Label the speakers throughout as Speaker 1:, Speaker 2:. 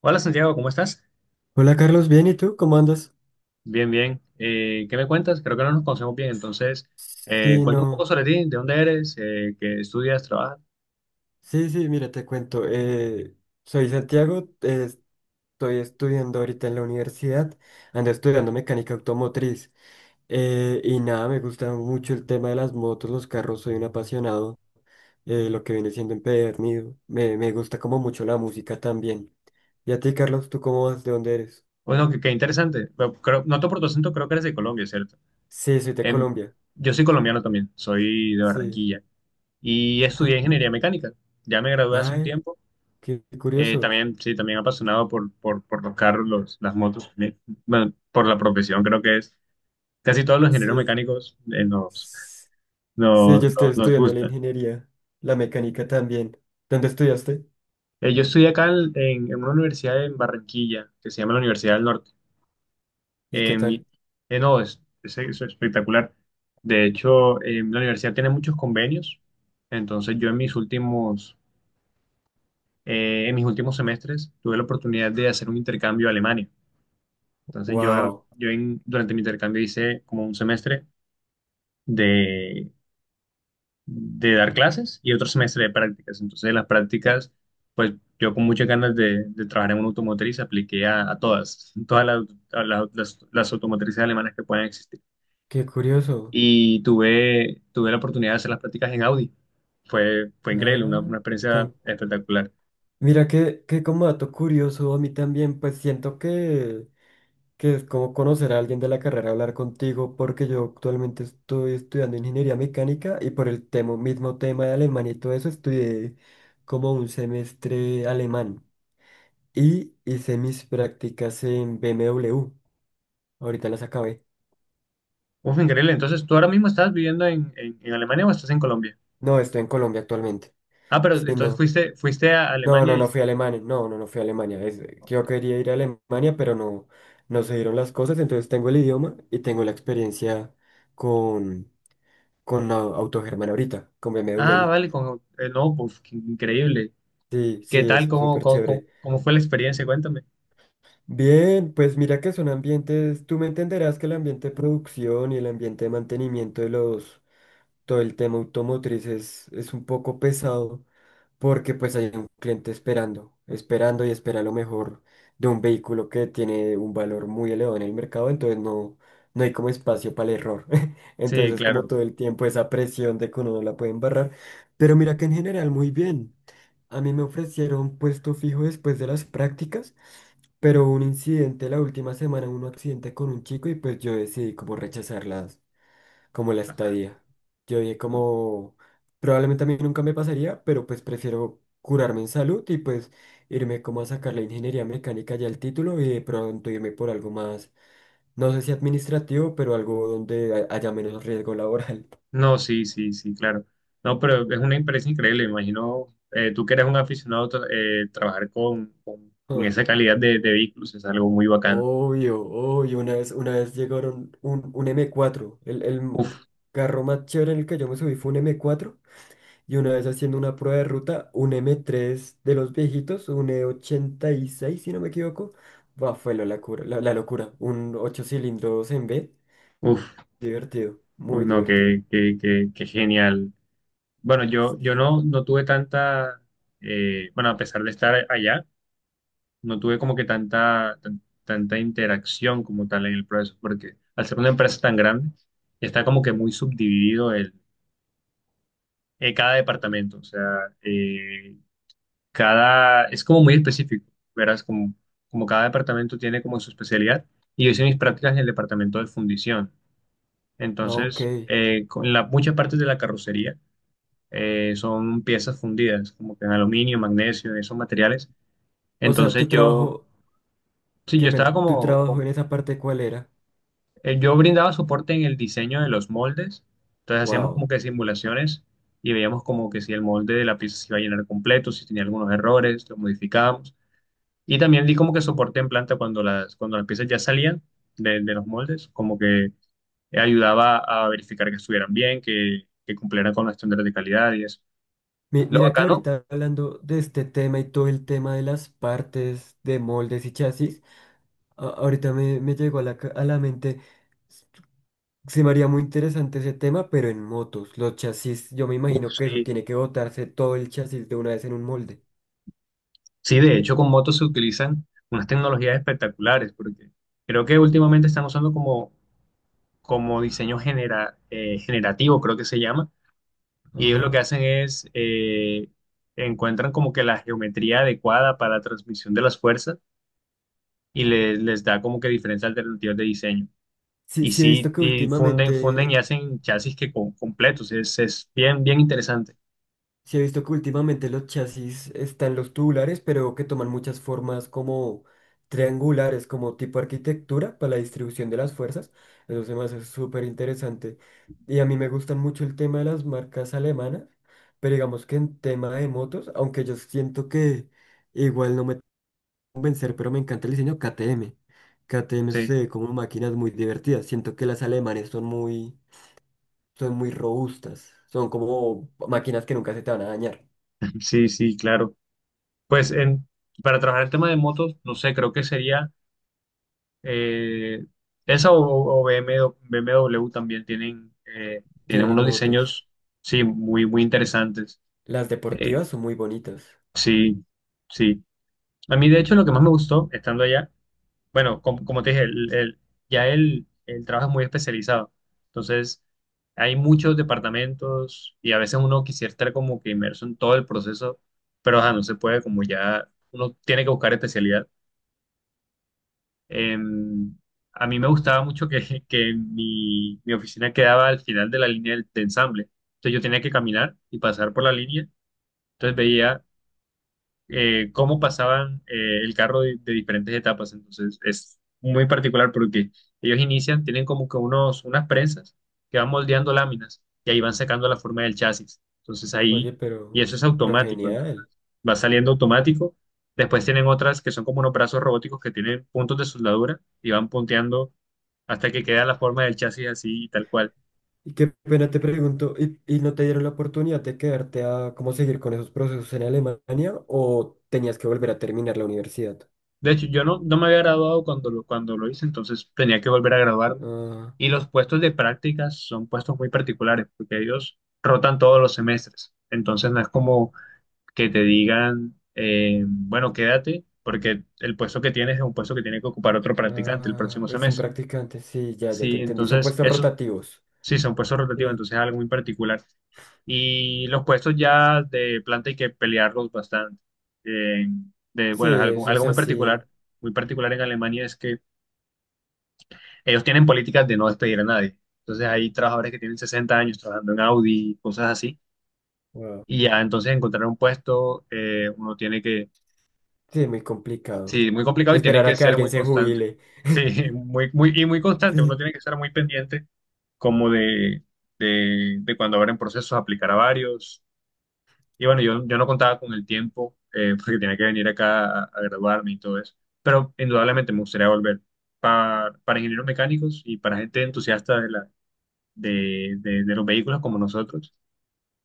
Speaker 1: Hola Santiago, ¿cómo estás?
Speaker 2: Hola Carlos, bien, ¿y tú? ¿Cómo andas?
Speaker 1: Bien, bien. ¿Qué me cuentas? Creo que no nos conocemos bien, entonces
Speaker 2: Sí,
Speaker 1: cuéntame un poco
Speaker 2: no.
Speaker 1: sobre ti, de dónde eres, qué estudias, trabajas.
Speaker 2: Sí, sí, mira, te cuento. Soy Santiago, estoy estudiando ahorita en la universidad, ando estudiando mecánica automotriz. Y nada, me gusta mucho el tema de las motos, los carros, soy un apasionado, lo que viene siendo empedernido. Me gusta como mucho la música también. ¿Y a ti, Carlos, tú cómo vas? ¿De dónde eres?
Speaker 1: Bueno, qué interesante. Pero creo, noto por tu acento, creo que eres de Colombia, ¿cierto?
Speaker 2: Sí, soy de
Speaker 1: Em,
Speaker 2: Colombia.
Speaker 1: yo soy colombiano también, soy de
Speaker 2: Sí.
Speaker 1: Barranquilla y estudié ingeniería mecánica. Ya me gradué hace un
Speaker 2: Ay,
Speaker 1: tiempo.
Speaker 2: qué curioso.
Speaker 1: También, sí, también apasionado por los carros, las motos, bueno, por la profesión, creo que es. Casi todos los ingenieros
Speaker 2: Sí.
Speaker 1: mecánicos
Speaker 2: Sí, yo estoy
Speaker 1: nos
Speaker 2: estudiando la
Speaker 1: gusta.
Speaker 2: ingeniería, la mecánica también. ¿Dónde estudiaste?
Speaker 1: Yo estudié acá en una universidad en Barranquilla, que se llama la Universidad del Norte.
Speaker 2: ¿Y qué
Speaker 1: Eh, mi-
Speaker 2: tal?
Speaker 1: no, es espectacular. De hecho, la universidad tiene muchos convenios. Entonces, yo en mis últimos semestres tuve la oportunidad de hacer un intercambio a Alemania. Entonces,
Speaker 2: Wow,
Speaker 1: durante mi intercambio hice como un semestre de dar clases y otro semestre de prácticas. Entonces, las prácticas, pues yo con muchas ganas de trabajar en una automotriz apliqué a todas las, las automotrices alemanas que puedan existir.
Speaker 2: qué curioso.
Speaker 1: Y tuve la oportunidad de hacer las prácticas en Audi. Fue increíble,
Speaker 2: Ah,
Speaker 1: una experiencia
Speaker 2: tan-
Speaker 1: espectacular.
Speaker 2: mira que, como dato curioso, a mí también, pues siento que, es como conocer a alguien de la carrera, hablar contigo, porque yo actualmente estoy estudiando ingeniería mecánica y por el tema, mismo tema de alemán y todo eso, estudié como un semestre alemán y hice mis prácticas en BMW. Ahorita las acabé.
Speaker 1: Uf, increíble. Entonces, ¿tú ahora mismo estás viviendo en Alemania o estás en Colombia?
Speaker 2: No, estoy en Colombia actualmente.
Speaker 1: Ah, pero
Speaker 2: Sí,
Speaker 1: entonces
Speaker 2: no.
Speaker 1: fuiste a
Speaker 2: No, no,
Speaker 1: Alemania y...
Speaker 2: no fui a Alemania. No, no, no fui a Alemania. Yo quería ir a Alemania, pero no, no se dieron las cosas. Entonces tengo el idioma y tengo la experiencia con, con la Autogermana ahorita, con
Speaker 1: Ah,
Speaker 2: BMW.
Speaker 1: vale, con, no, pues, qué increíble.
Speaker 2: Sí,
Speaker 1: ¿Qué
Speaker 2: sí,
Speaker 1: tal?
Speaker 2: es súper chévere.
Speaker 1: Cómo fue la experiencia? Cuéntame.
Speaker 2: Bien, pues mira que son ambientes, tú me entenderás que el ambiente de producción y el ambiente de mantenimiento de los, todo el tema automotriz es un poco pesado porque pues hay un cliente esperando, esperando y espera lo mejor de un vehículo que tiene un valor muy elevado en el mercado, entonces no, no hay como espacio para el error. Entonces
Speaker 1: Sí,
Speaker 2: es
Speaker 1: claro.
Speaker 2: como todo el tiempo esa presión de que uno no la puede embarrar, pero mira que en general muy bien. A mí me ofrecieron puesto fijo después de las prácticas, pero hubo un incidente la última semana, un accidente con un chico y pues yo decidí como rechazarlas como la estadía. Yo dije como, probablemente a mí nunca me pasaría, pero pues prefiero curarme en salud y pues irme como a sacar la ingeniería mecánica ya el título y de pronto irme por algo más, no sé si administrativo, pero algo donde haya menos riesgo laboral.
Speaker 1: No, sí, sí, sí, claro. No, pero es una empresa increíble. Me imagino, tú que eres un aficionado, trabajar con
Speaker 2: Ah,
Speaker 1: esa calidad de vehículos es algo muy bacano.
Speaker 2: obvio, obvio, una vez llegaron un M4, el
Speaker 1: Uf,
Speaker 2: carro más chévere en el que yo me subí fue un M4. Y una vez haciendo una prueba de ruta, un M3 de los viejitos, un E86 si no me equivoco, bah, fue la locura, la locura. Un 8 cilindros en B,
Speaker 1: uf,
Speaker 2: divertido,
Speaker 1: uy,
Speaker 2: muy
Speaker 1: no,
Speaker 2: divertido.
Speaker 1: qué genial. Bueno, yo
Speaker 2: Sí.
Speaker 1: no, no tuve tanta, bueno, a pesar de estar allá, no tuve como que tanta, tanta interacción como tal en el proceso, porque al ser una empresa tan grande, está como que muy subdividido. Cada departamento, o sea, eh, cada, es como muy específico, verás, como, como cada departamento tiene como su especialidad, y yo hice mis prácticas en el departamento de fundición,
Speaker 2: Ah, ok.
Speaker 1: entonces, muchas partes de la carrocería son piezas fundidas, como que en aluminio, magnesio, esos materiales,
Speaker 2: O sea,
Speaker 1: entonces
Speaker 2: tu
Speaker 1: yo,
Speaker 2: trabajo,
Speaker 1: sí,
Speaker 2: qué
Speaker 1: yo estaba
Speaker 2: pena, tu
Speaker 1: como,
Speaker 2: trabajo
Speaker 1: como
Speaker 2: en esa parte, ¿cuál era?
Speaker 1: Yo brindaba soporte en el diseño de los moldes, entonces hacíamos
Speaker 2: Wow.
Speaker 1: como que simulaciones y veíamos como que si el molde de la pieza se iba a llenar completo, si tenía algunos errores, lo modificábamos. Y también di como que soporte en planta cuando las piezas ya salían de los moldes, como que ayudaba a verificar que estuvieran bien, que cumplieran con los estándares de calidad y eso. Lo
Speaker 2: Mira que
Speaker 1: bacano,
Speaker 2: ahorita hablando de este tema y todo el tema de las partes, de moldes y chasis, ahorita me llegó a la mente. Se me haría muy interesante ese tema, pero en motos. Los chasis, yo me
Speaker 1: uf,
Speaker 2: imagino que eso
Speaker 1: sí,
Speaker 2: tiene que botarse todo el chasis de una vez en un molde.
Speaker 1: sí, de hecho con motos se utilizan unas tecnologías espectaculares porque creo que últimamente están usando como como diseño generativo, creo que se llama, y ellos lo
Speaker 2: Ajá.
Speaker 1: que hacen es encuentran como que la geometría adecuada para la transmisión de las fuerzas y les da como que diferentes alternativas de diseño.
Speaker 2: Sí,
Speaker 1: Y
Speaker 2: sí he visto
Speaker 1: sí,
Speaker 2: que
Speaker 1: y funden, funden y
Speaker 2: últimamente,
Speaker 1: hacen chasis que con, completos, es bien, bien interesante.
Speaker 2: sí he visto que últimamente los chasis están los tubulares, pero que toman muchas formas como triangulares, como tipo arquitectura para la distribución de las fuerzas. Eso se me hace súper interesante. Y a mí me gustan mucho el tema de las marcas alemanas, pero digamos que en tema de motos, aunque yo siento que igual no me convencer, pero me encanta el diseño K T M KTM. KTM se
Speaker 1: Sí,
Speaker 2: ve como máquinas muy divertidas. Siento que las alemanes son muy robustas. Son como máquinas que nunca se te van a dañar.
Speaker 1: sí, sí, claro. Pues en, para trabajar el tema de motos, no sé, creo que sería Eh, esa o BMW, BMW también tienen, tienen
Speaker 2: Tienen
Speaker 1: unos
Speaker 2: motos.
Speaker 1: diseños, sí, muy, muy interesantes.
Speaker 2: Las
Speaker 1: Eh,
Speaker 2: deportivas son muy bonitas.
Speaker 1: sí, sí. A mí, de hecho, lo que más me gustó estando allá, bueno, como, como te dije, ya el trabajo es muy especializado. Entonces, hay muchos departamentos y a veces uno quisiera estar como que inmerso en todo el proceso, pero ajá, no se puede, como ya uno tiene que buscar especialidad. Eh, a mí me gustaba mucho que mi oficina quedaba al final de la línea del, de ensamble. Entonces yo tenía que caminar y pasar por la línea. Entonces veía cómo pasaban el carro de diferentes etapas. Entonces es muy particular porque ellos inician, tienen como que unos, unas prensas que van moldeando láminas y ahí van sacando la forma del chasis. Entonces ahí,
Speaker 2: Oye,
Speaker 1: y
Speaker 2: pero,
Speaker 1: eso es
Speaker 2: pero
Speaker 1: automático, entonces
Speaker 2: genial.
Speaker 1: va saliendo automático. Después tienen otras que son como unos brazos robóticos que tienen puntos de soldadura y van punteando hasta que queda la forma del chasis así y tal cual.
Speaker 2: Y qué pena te pregunto, ¿y no te dieron la oportunidad de quedarte a cómo seguir con esos procesos en Alemania o tenías que volver a terminar la universidad?
Speaker 1: De hecho, yo no, no me había graduado cuando lo hice, entonces tenía que volver a graduarme.
Speaker 2: Ah,
Speaker 1: Y los puestos de prácticas son puestos muy particulares, porque ellos rotan todos los semestres. Entonces no es como que te digan, bueno, quédate, porque el puesto que tienes es un puesto que tiene que ocupar otro practicante el
Speaker 2: ah,
Speaker 1: próximo
Speaker 2: es un
Speaker 1: semestre.
Speaker 2: practicante, sí, ya, ya te
Speaker 1: Sí,
Speaker 2: entendí. Son
Speaker 1: entonces
Speaker 2: puestos
Speaker 1: eso
Speaker 2: rotativos.
Speaker 1: sí, son puestos rotativos,
Speaker 2: Sí.
Speaker 1: entonces es algo muy particular. Y los puestos ya de planta hay que pelearlos bastante. Eh,
Speaker 2: Sí,
Speaker 1: bueno, es algo,
Speaker 2: eso
Speaker 1: algo
Speaker 2: es así.
Speaker 1: muy particular en Alemania es que ellos tienen políticas de no despedir a nadie. Entonces hay trabajadores que tienen 60 años trabajando en Audi, cosas así.
Speaker 2: Wow.
Speaker 1: Y ya entonces encontrar un puesto, uno tiene que,
Speaker 2: Sí, muy complicado.
Speaker 1: sí, muy complicado y tiene
Speaker 2: Esperar a
Speaker 1: que
Speaker 2: que
Speaker 1: ser
Speaker 2: alguien
Speaker 1: muy
Speaker 2: se
Speaker 1: constante.
Speaker 2: jubile.
Speaker 1: Sí, y muy constante. Uno
Speaker 2: Sí,
Speaker 1: tiene que estar muy pendiente como de cuando abren procesos, aplicar a varios. Y bueno, yo no contaba con el tiempo porque tenía que venir acá a graduarme y todo eso. Pero indudablemente me gustaría volver para, ingenieros mecánicos y para gente entusiasta la, de los vehículos como nosotros.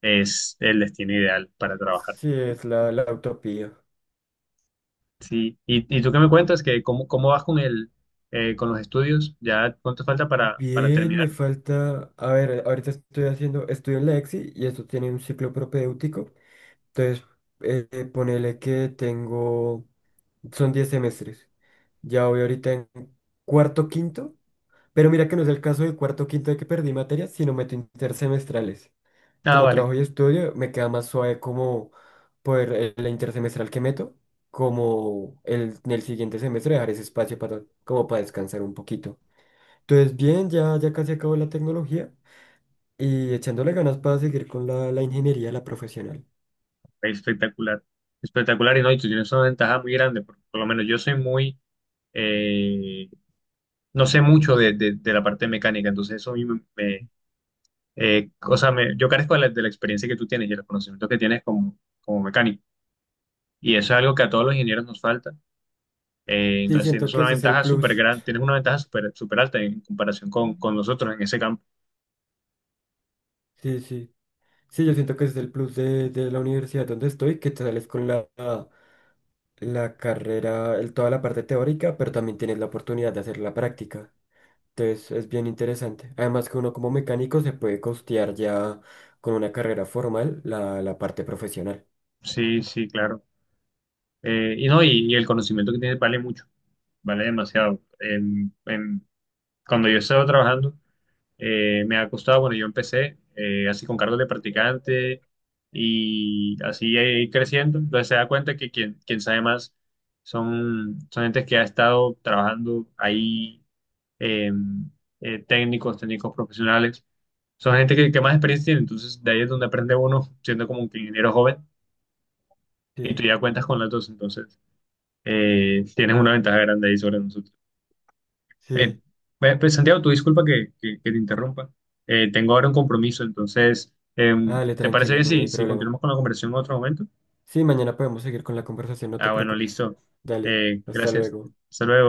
Speaker 1: Es el destino ideal para trabajar.
Speaker 2: sí, es la utopía.
Speaker 1: Sí. Y tú qué me cuentas? ¿Que cómo vas con el, con los estudios? ¿Ya cuánto falta para
Speaker 2: Bien,
Speaker 1: terminar?
Speaker 2: me falta. A ver, ahorita estoy haciendo. Estudio en la EXI y esto tiene un ciclo propedéutico. Entonces, ponele que tengo. Son 10 semestres. Ya voy ahorita en cuarto, quinto. Pero mira que no es el caso de cuarto, quinto de que perdí materias, sino meto intersemestrales.
Speaker 1: Ah,
Speaker 2: Como
Speaker 1: vale.
Speaker 2: trabajo y estudio, me queda más suave como poder la intersemestral que meto, como en el siguiente semestre dejar ese espacio para, como para descansar un poquito. Entonces, bien, ya, ya casi acabo la tecnología y echándole ganas para seguir con la ingeniería, la profesional.
Speaker 1: Espectacular. Espectacular. Y no, y tú tienes una ventaja muy grande. Por lo menos yo soy muy... eh, no sé mucho de la parte mecánica, entonces eso a mí me, o sea, yo carezco de la experiencia que tú tienes y el conocimiento que tienes como, como mecánico. Y eso es algo que a todos los ingenieros nos falta.
Speaker 2: Sí,
Speaker 1: Entonces
Speaker 2: siento
Speaker 1: tienes
Speaker 2: que
Speaker 1: una
Speaker 2: ese es el
Speaker 1: ventaja súper
Speaker 2: plus.
Speaker 1: gran, tienes una ventaja súper súper alta en comparación con nosotros en ese campo.
Speaker 2: Sí, sí. Sí, yo siento que ese es el plus de la universidad donde estoy, que te sales con la carrera, toda la parte teórica, pero también tienes la oportunidad de hacer la práctica. Entonces es bien interesante. Además que uno como mecánico se puede costear ya con una carrera formal la parte profesional.
Speaker 1: Sí, sí, claro. Y no, y el conocimiento que tienes vale mucho, vale demasiado. Cuando yo estaba trabajando, me ha costado, bueno, yo empecé así con cargos de practicante y así ir creciendo. Entonces se da cuenta que quien, quien sabe más son, son gente que ha estado trabajando ahí, eh, técnicos, técnicos profesionales. Son gente que más experiencia tiene, entonces de ahí es donde aprende uno siendo como un ingeniero joven y tú
Speaker 2: Sí,
Speaker 1: ya cuentas con las dos, entonces tienes una ventaja grande ahí sobre nosotros. Eh,
Speaker 2: sí.
Speaker 1: pues, Santiago, tu disculpa que, que te interrumpa. Tengo ahora un compromiso, entonces,
Speaker 2: Dale,
Speaker 1: ¿te parece
Speaker 2: tranquilo,
Speaker 1: bien
Speaker 2: no, no
Speaker 1: si,
Speaker 2: hay
Speaker 1: si
Speaker 2: problema.
Speaker 1: continuamos con la conversación en otro momento?
Speaker 2: Sí, mañana podemos seguir con la conversación, no te
Speaker 1: Ah, bueno,
Speaker 2: preocupes.
Speaker 1: listo.
Speaker 2: Dale, hasta
Speaker 1: Gracias.
Speaker 2: luego.
Speaker 1: Hasta luego.